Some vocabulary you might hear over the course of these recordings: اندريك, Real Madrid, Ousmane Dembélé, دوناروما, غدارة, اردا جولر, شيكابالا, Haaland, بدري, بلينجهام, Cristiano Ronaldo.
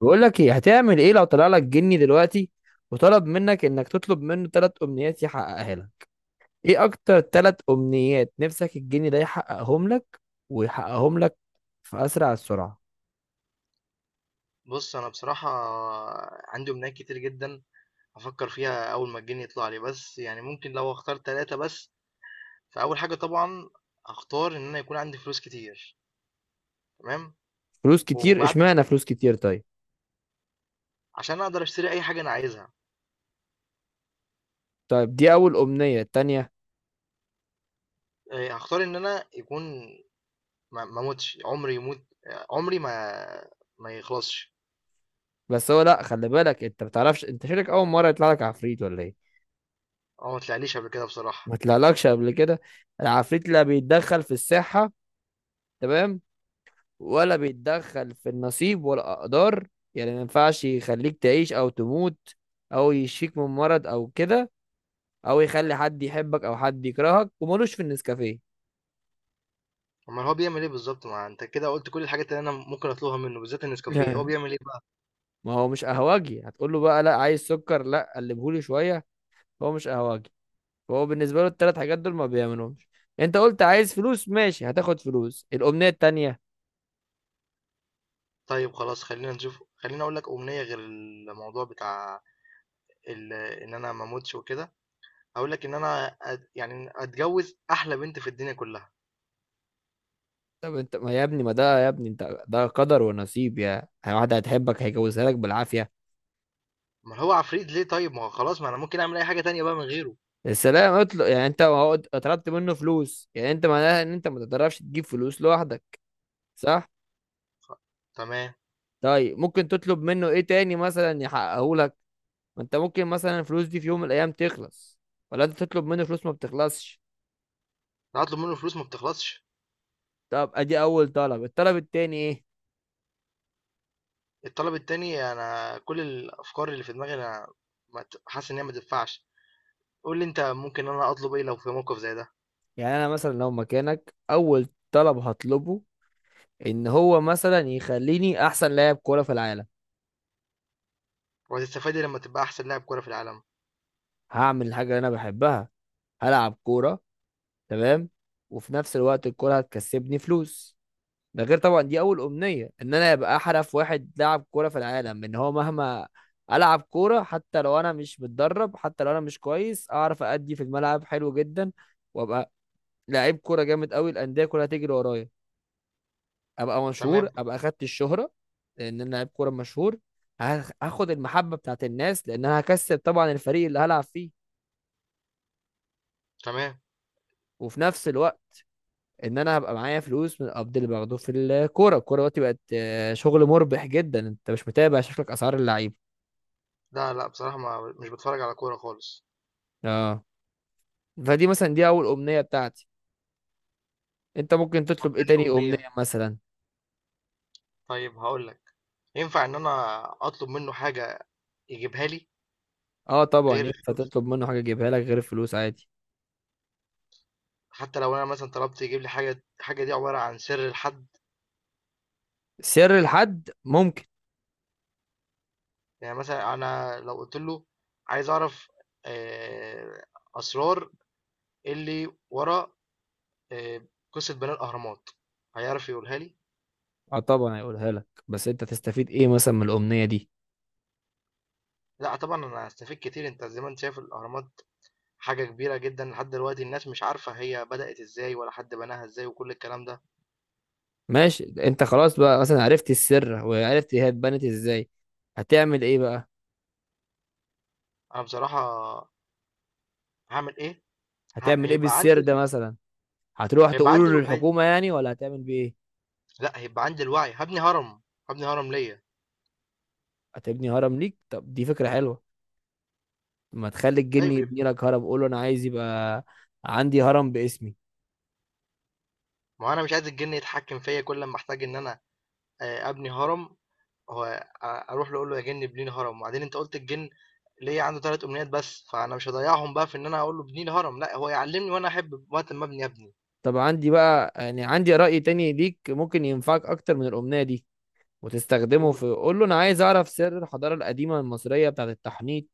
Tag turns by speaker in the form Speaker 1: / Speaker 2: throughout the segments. Speaker 1: بقول لك ايه هتعمل ايه لو طلع لك جني دلوقتي، وطلب منك انك تطلب منه 3 امنيات يحققها لك. ايه اكتر 3 امنيات نفسك الجني ده يحققهم لك ويحققهم لك في اسرع السرعه؟
Speaker 2: بُص، أنا بصراحة عندي أمنيات كتير جدًا. هافكّر فيها أول ما الجِن يطلع لي، بس يعني ممكن لو هاختار 3 بس، فأول حاجة طبعًا هاختار إن أنا يكون عندي فلوس كتير. تمام،
Speaker 1: فلوس كتير؟
Speaker 2: وبعد
Speaker 1: اشمعنى فلوس كتير؟ طيب.
Speaker 2: عشان أقدر أشتري أي حاجة أنا عايزها.
Speaker 1: طيب دي اول امنيه، التانية؟
Speaker 2: هاختار إن أنا يكون ما أموتش، عُمري ما يخلصش.
Speaker 1: بس هو، لا، خلي بالك، انت ما بتعرفش، انت شكلك اول مره يطلع لك عفريت ولا ايه؟
Speaker 2: هو ما طلعليش قبل كده بصراحة.
Speaker 1: ما طلعلكش قبل كده. العفريت اللي بيتدخل في الساحه، تمام؟ ولا بيتدخل في النصيب والأقدار، يعني ما ينفعش يخليك تعيش أو تموت، أو يشفيك من مرض أو كده، أو يخلي حد يحبك أو حد يكرهك، وملوش في النسكافيه.
Speaker 2: أومّال هو بيعمل إيه بالضبط؟ ما أنت كده قُلت كل الحاجات اللي أنا ممكن أطلبها منّه، بالذات النسكافيه، هو
Speaker 1: لا،
Speaker 2: بيعمل إيه بقى؟
Speaker 1: ما هو مش قهوجي هتقول له بقى لا عايز سكر لا قلبهولي شوية. هو مش قهوجي. هو بالنسبة له ال3 حاجات دول ما بيعملهمش. انت قلت عايز فلوس، ماشي، هتاخد فلوس. الأمنية التانية؟
Speaker 2: طيب خلاص، خلّينا نشوف خلّيني أقول لك أمنية غير الموضوع بتاع إن أنا ما أموتش وكده. هاقول لك إن أنا يعني أتجوّز أحلى بنت في الدنيا كلّها.
Speaker 1: طب انت ما يا ابني، ما ده يا ابني، انت ده قدر ونصيب، يا واحدة هتحبك هيجوزها لك بالعافية.
Speaker 2: أمّال هو عفريت ليه طيب؟ ما هو خلاص، ما أنا ممكن أعمل أي حاجة تانية بقى من غيره.
Speaker 1: السلام اطلق، يعني انت، هو طلبت منه فلوس، يعني انت معناها ان انت ما تقدرش تجيب فلوس لوحدك، صح؟
Speaker 2: خ تمام،
Speaker 1: طيب ممكن تطلب منه ايه تاني مثلا يحققه لك؟ ما انت ممكن مثلا الفلوس دي في يوم من الايام تخلص، ولا انت تطلب منه فلوس ما بتخلصش.
Speaker 2: ده هاطلب منّه فلوس ما بتخلصش.
Speaker 1: طب ادي اول طلب، الطلب التاني ايه؟
Speaker 2: الطلب التاني، أنا كل الأفكار اللي في دماغي، أنا ما حاسس إن هي ما تنفعش. قُل لي أنت، ممكن أنا أطلب إيه لو في موقف زي ده؟
Speaker 1: يعني انا مثلا لو مكانك، اول طلب هطلبه ان هو مثلا يخليني احسن لاعب كوره في العالم.
Speaker 2: وهتستفاد إيه لمّا تبقى أحسن لاعب كورة في العالم؟
Speaker 1: هعمل الحاجه اللي انا بحبها، هلعب كوره، تمام. وفي نفس الوقت الكوره هتكسبني فلوس. ده غير طبعا دي اول امنيه، ان انا ابقى احرف واحد لاعب كوره في العالم، ان هو مهما العب كوره حتى لو انا مش متدرب، حتى لو انا مش كويس، اعرف ادي في الملعب حلو جدا، وابقى لعيب كوره جامد قوي، الانديه كلها تجري ورايا، ابقى مشهور،
Speaker 2: تمام.
Speaker 1: ابقى اخدت الشهره، لان انا لعيب كوره مشهور. هاخد المحبه بتاعت الناس، لان انا هكسب طبعا الفريق اللي هلعب فيه.
Speaker 2: تمام.
Speaker 1: وفي نفس الوقت ان انا هبقى معايا فلوس من القبض اللي باخده في الكوره. الكوره دلوقتي بقت شغل مربح جدا. انت مش متابع شكلك اسعار اللعيبه.
Speaker 2: لا، لأ بصراحة ما مش باتفرّج على كورة خالص.
Speaker 1: اه، فدي مثلا دي اول امنيه بتاعتي. انت ممكن
Speaker 2: طب
Speaker 1: تطلب ايه
Speaker 2: تاني
Speaker 1: تاني
Speaker 2: أمنية؟
Speaker 1: امنيه مثلا؟
Speaker 2: طيب هاقول لك، ينفع إن أنا أطلب منه حاجة يجيبها لي
Speaker 1: اه، طبعا
Speaker 2: غير
Speaker 1: ينفع
Speaker 2: الفلوس؟
Speaker 1: تطلب منه حاجه يجيبها لك غير الفلوس، عادي.
Speaker 2: حتى لو أنا مثلًا طلبت يجيب لي حاجة، الحاجة دي عبارة عن سر لحد؟
Speaker 1: سر لحد؟ ممكن.
Speaker 2: يعني مثلًا أنا لو قُلت له، عايز أعرف آآ أسرار اللي ورا قصة بناء الأهرامات، هيعرف يقولها لي؟
Speaker 1: اه، طبعا هيقولها لك، بس انت تستفيد ايه مثلا من الامنيه دي؟
Speaker 2: لأ، طبعًا أنا هاستفيد كتير. أنت زي ما أنت شايف، الأهرامات حاجة كبيرة جدًا، لحد دلوقتي الناس مش عارفة هي بدأت إزاي ولا حد بناها إزاي وكل الكلام ده.
Speaker 1: ماشي، انت خلاص بقى مثلا عرفت السر وعرفت هي اتبنت ازاي. هتعمل ايه بقى؟
Speaker 2: أنا بصراحة هاعمل إيه؟ ه
Speaker 1: هتعمل ايه
Speaker 2: هيبقى
Speaker 1: بالسر
Speaker 2: عندي
Speaker 1: ده
Speaker 2: ال
Speaker 1: مثلا؟ هتروح
Speaker 2: هيبقى عندي
Speaker 1: تقوله
Speaker 2: ال
Speaker 1: للحكومه يعني، ولا هتعمل بايه؟
Speaker 2: لأ، هيبقى عندي الوعي، هابني هرم، هابني هرم ليّا.
Speaker 1: هتبني هرم ليك؟ طب دي فكره حلوه. ما تخلي الجن
Speaker 2: أيوه،
Speaker 1: يبني لك هرم، قول له انا عايز يبقى عندي هرم باسمي.
Speaker 2: ما هو أنا مش عايز الجِن يتحكّم فيّا كل لمّا أحتاج إن أنا أبني هرم. هو أ أروح له أقول له، يا جِن ابني لي هرم، وبعدين أنت قُلت الجِن ليّا عنده 3 أمنيات بس، فأنا مش هاضيّعهم بقى في إن أنا أقول له ابني لي هرم. لأ، هو يعلّمني وأنا أحب وقت ما أبني أبني.
Speaker 1: طب عندي بقى، يعني عندي رأي تاني ليك ممكن ينفعك أكتر من الأمنية دي، وتستخدمه
Speaker 2: قُل.
Speaker 1: في، قول له أنا عايز أعرف سر الحضارة القديمة المصرية بتاعة التحنيط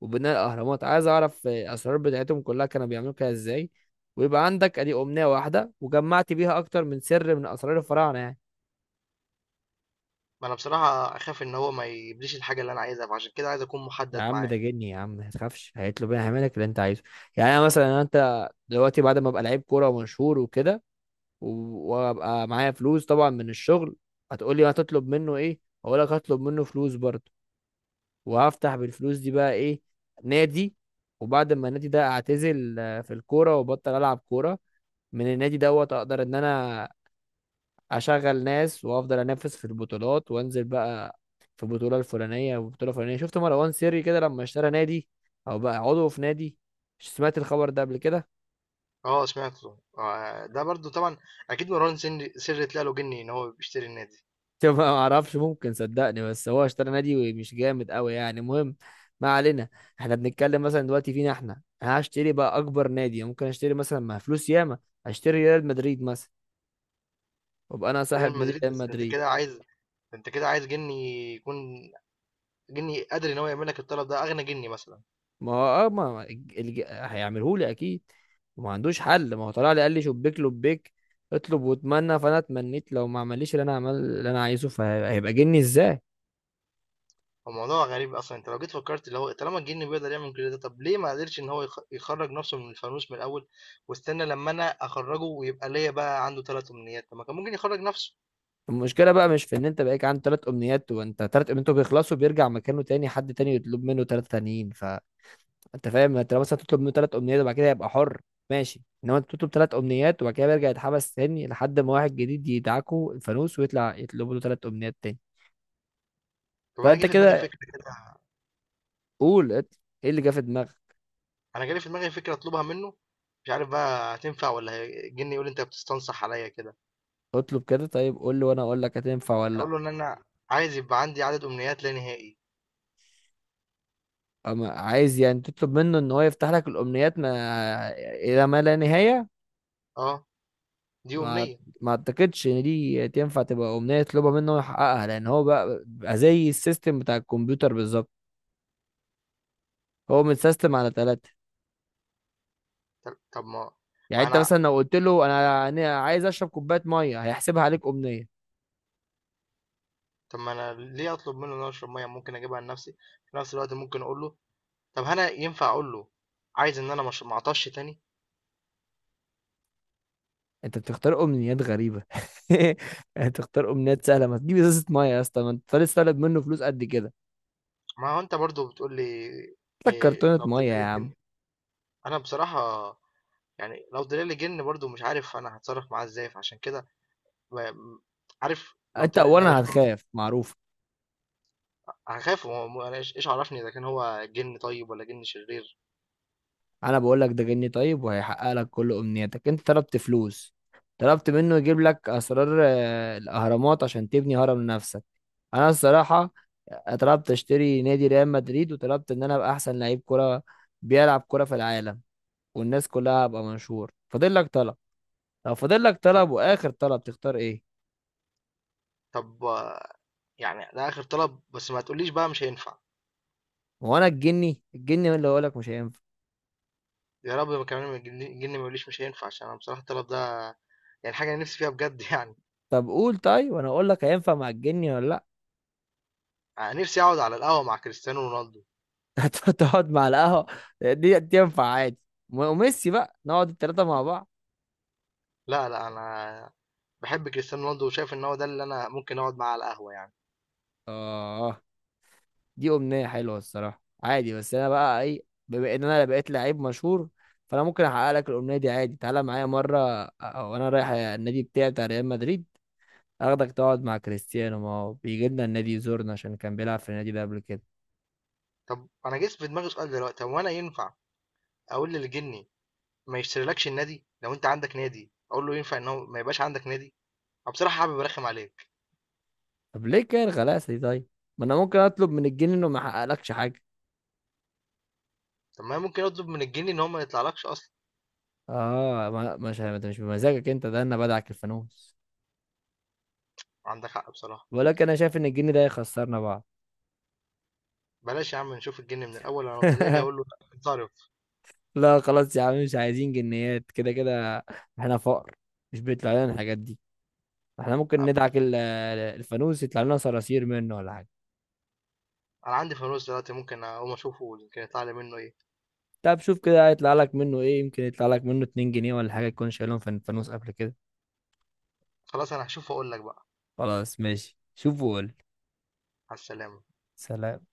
Speaker 1: وبناء الأهرامات. عايز أعرف الأسرار بتاعتهم كلها، كانوا بيعملوا كده إزاي. ويبقى عندك أدي أمنية واحدة وجمعت بيها أكتر من سر من أسرار الفراعنة يعني.
Speaker 2: ما أنا بصراحة أخاف إن هو ما يجيبليش الحاجة اللي أنا عايزها، فعشان كده عايز أكون
Speaker 1: يا
Speaker 2: محدّد
Speaker 1: عم
Speaker 2: معاه.
Speaker 1: ده جني، يا عم ما تخافش، هيطلب. انا هعمل لك اللي انت عايزه. يعني انا مثلا، انت دلوقتي بعد ما ابقى لعيب كوره ومشهور وكده، وابقى معايا فلوس طبعا من الشغل، هتقولي هتطلب منه ايه؟ هقول لك هطلب منه فلوس برضه، وهفتح بالفلوس دي بقى ايه؟ نادي. وبعد ما النادي ده اعتزل في الكوره وبطل العب كوره، من النادي دوت اقدر ان انا اشغل ناس وافضل انافس في البطولات، وانزل بقى في بطوله الفلانيه وبطوله فلانيه. شفت مروان سري كده لما اشترى نادي، او بقى عضو في نادي، سمعت الخبر ده قبل كده؟
Speaker 2: آه، سمعته. ده برضه طبعًا أكيد مروان سِرّي طلع له جِن إن هو بيشتري النادي.
Speaker 1: طب ما اعرفش، ممكن، صدقني بس هو اشترى نادي مش جامد قوي يعني. المهم ما علينا. احنا بنتكلم مثلا دلوقتي فينا، احنا هشتري بقى اكبر نادي ممكن اشتري، مثلا مع فلوس ياما، اشتري ريال مدريد مثلا، وابقى انا
Speaker 2: ريال
Speaker 1: صاحب نادي
Speaker 2: مدريد،
Speaker 1: ريال
Speaker 2: بس ده أنت
Speaker 1: مدريد.
Speaker 2: كده عايز، جني يكون جني قادر ان هو يعمل لك الطلب ده، اغنى جني مثلا.
Speaker 1: ما هو اه، ما الج- هيعمله لي اكيد، وما عندوش حل. ما هو طلع لي قال لي شبيك لبيك، اطلب واتمنى، فانا اتمنيت، لو ما عمليش اللي انا عمل اللي انا عايزه، فهيبقى جني ازاي؟
Speaker 2: فالموضوع غريب اصلا. انت لو جيت فكرت، اللي هو طالما الجني بيقدر يعمل كل ده، طب ليه ما قدرش ان هو يخرج نفسه من الفانوس من الاول، واستنى لما انا اخرجه ويبقى ليا بقى عنده ثلاث امنيات؟ طب ما كان ممكن يخرج نفسه.
Speaker 1: المشكلة بقى مش في ان انت بقيك عن 3 امنيات، وانت 3 امنيات بيخلصوا بيرجع مكانه تاني، حد تاني يطلب منه 3 تانيين. فانت فاهم، انت لو مثلا تطلب منه ثلاث امنيات وبعد كده يبقى حر، ماشي، انما انت تطلب 3 امنيات وبعد كده بيرجع يتحبس تاني لحد ما واحد جديد يدعكه الفانوس، ويطلع يطلب له 3 امنيات تاني.
Speaker 2: طب انا جه
Speaker 1: فانت
Speaker 2: في دماغي
Speaker 1: كده،
Speaker 2: فكره كده،
Speaker 1: قول، ايه اللي جه في دماغك؟
Speaker 2: انا جالي في دماغي فكره اطلبها منه، مش عارف بقى هتنفع ولا الجني يقول انت بتستنصح عليا كده.
Speaker 1: اطلب كده، طيب، قول لي وانا اقول لك هتنفع ولا
Speaker 2: اقول
Speaker 1: لا.
Speaker 2: له ان انا عايز يبقى عندي عدد امنيات لا نهائي.
Speaker 1: اما عايز يعني تطلب منه ان هو يفتح لك الامنيات ما الى ما لا نهاية؟
Speaker 2: اه، دي
Speaker 1: ما
Speaker 2: امنيه.
Speaker 1: ما اعتقدش ان دي تنفع تبقى امنيه يطلبها منه يحققها، لان هو بقى زي السيستم بتاع الكمبيوتر بالظبط. هو متسيستم على 3.
Speaker 2: طب طب ما
Speaker 1: يعني
Speaker 2: ما
Speaker 1: انت مثلا
Speaker 2: انا
Speaker 1: لو قلت له، أنا عايز اشرب كوبايه ميه، هيحسبها عليك امنيه.
Speaker 2: طب ما أنا ليه أطلب منه إن هو يشرب مَيّة؟ ممكن أجيبها لنفسي. في نفس الوقت ممكن أقول له، طب هل أنا ينفع أقول له عايز إن أنا ما أعطشش تاني؟
Speaker 1: انت بتختار امنيات غريبه. يعني تختار امنيات سهله، ما تجيب ازازه ميه يا اسطى، ما انت لسه طالب منه فلوس قد كده.
Speaker 2: ما هو أنت برضه بتقول لي،
Speaker 1: هات لك كرتونه
Speaker 2: لو
Speaker 1: ميه
Speaker 2: طلع
Speaker 1: يا
Speaker 2: لك
Speaker 1: عم.
Speaker 2: جِن. أنا بصراحة يعني لو طلع لي جِن برضه مش عارف أنا هاتصرّف معاه إزاي، فعشان كده ب عارف لو
Speaker 1: انت
Speaker 2: طلع،
Speaker 1: اولا هتخاف، معروف.
Speaker 2: هاخاف. هو أنا إيش عرفني إذا كان هو جِن طيب والّا جِن شرير؟
Speaker 1: انا بقول لك ده جني طيب وهيحقق لك كل امنياتك. انت طلبت فلوس، طلبت منه يجيب لك اسرار الاهرامات عشان تبني هرم لنفسك، انا الصراحه طلبت اشتري نادي ريال مدريد، وطلبت ان انا ابقى احسن لعيب كره بيلعب كره في العالم، والناس كلها ابقى مشهور. فاضل لك طلب. لو فاضل لك
Speaker 2: ط
Speaker 1: طلب واخر طلب، تختار ايه؟
Speaker 2: طب يعني ده آخر طلب، بس ما تقوليش بقى مش هينفع.
Speaker 1: هو انا الجني، الجني هو اللي هقول لك مش هينفع.
Speaker 2: يا رب ما كمان الجِن ما يقوليش مش هينفع، عشان أنا بصراحة الطلب ده يعني حاجة أنا نفسي فيها بجد يعني.
Speaker 1: طب قول، طيب، وانا اقول لك هينفع مع الجني ولا لا.
Speaker 2: أنا نفسي أقعد على القهوة مع كريستيانو رونالدو.
Speaker 1: هتقعد مع القهوة؟ دي ينفع عادي. وميسي بقى، نقعد ال3 مع بعض.
Speaker 2: لا، لا، أنا بحب كريستيانو رونالدو وشايف إن هو ده اللي أنا ممكن أقعد معاه على القهوة يعني.
Speaker 1: اه، دي أمنية حلوة الصراحة، عادي. بس أنا بقى إيه، بما إن أنا بقيت لعيب مشهور، فأنا ممكن أحقق لك الأمنية دي عادي. تعالى معايا مرة، وأنا رايح النادي بتاعي بتاع ريال مدريد، أخدك تقعد مع كريستيانو، ما هو بيجي لنا النادي يزورنا عشان كان بيلعب في النادي ده قبل كده.
Speaker 2: طب أنا جه في دماغي سؤال دلوقتي، هو أنا ينفع أقول للجني، ما يشتريلكش النادي؟ لو أنت عندك نادي أقول له ينفع إن هو ما يبقاش عندك نادي، أو بصراحة حابب أرخم عليك.
Speaker 1: طب ليه كده الغلاسة دي طيب؟ ما أنا ممكن أطلب من الجن إنه ما يحققلكش حاجة.
Speaker 2: طب ما أنا ممكن أطلب من الجني إن هو ما يطلعلكش أصلا.
Speaker 1: اه، مش ده مش بمزاجك أنت، ده أنا بدعك الفانوس.
Speaker 2: عندك حق بصراحة.
Speaker 1: ولكن انا شايف ان الجن ده يخسرنا بعض.
Speaker 2: بلاش يا عم، نشوف الجني من الأول. أنا لو طلع لي هقول له، اتصرف.
Speaker 1: لا خلاص يا عم، مش عايزين جنيات كده كده. احنا فقر، مش بيطلع لنا الحاجات دي. احنا ممكن ندعك الفانوس يطلع لنا صراصير منه ولا حاجه.
Speaker 2: أنا عندي فانوس دلوقتي، ممكن أقوم أشوفه يمكن يطلع لي منه إيه.
Speaker 1: طب شوف كده هيطلع لك منه ايه، يمكن يطلع لك منه 2 جنيه ولا حاجه تكون شايلهم في الفانوس قبل كده.
Speaker 2: خلاص، أنا هشوفه وأقول لك بقى.
Speaker 1: خلاص ماشي، شوف وقول.
Speaker 2: على السلامة.
Speaker 1: سلام.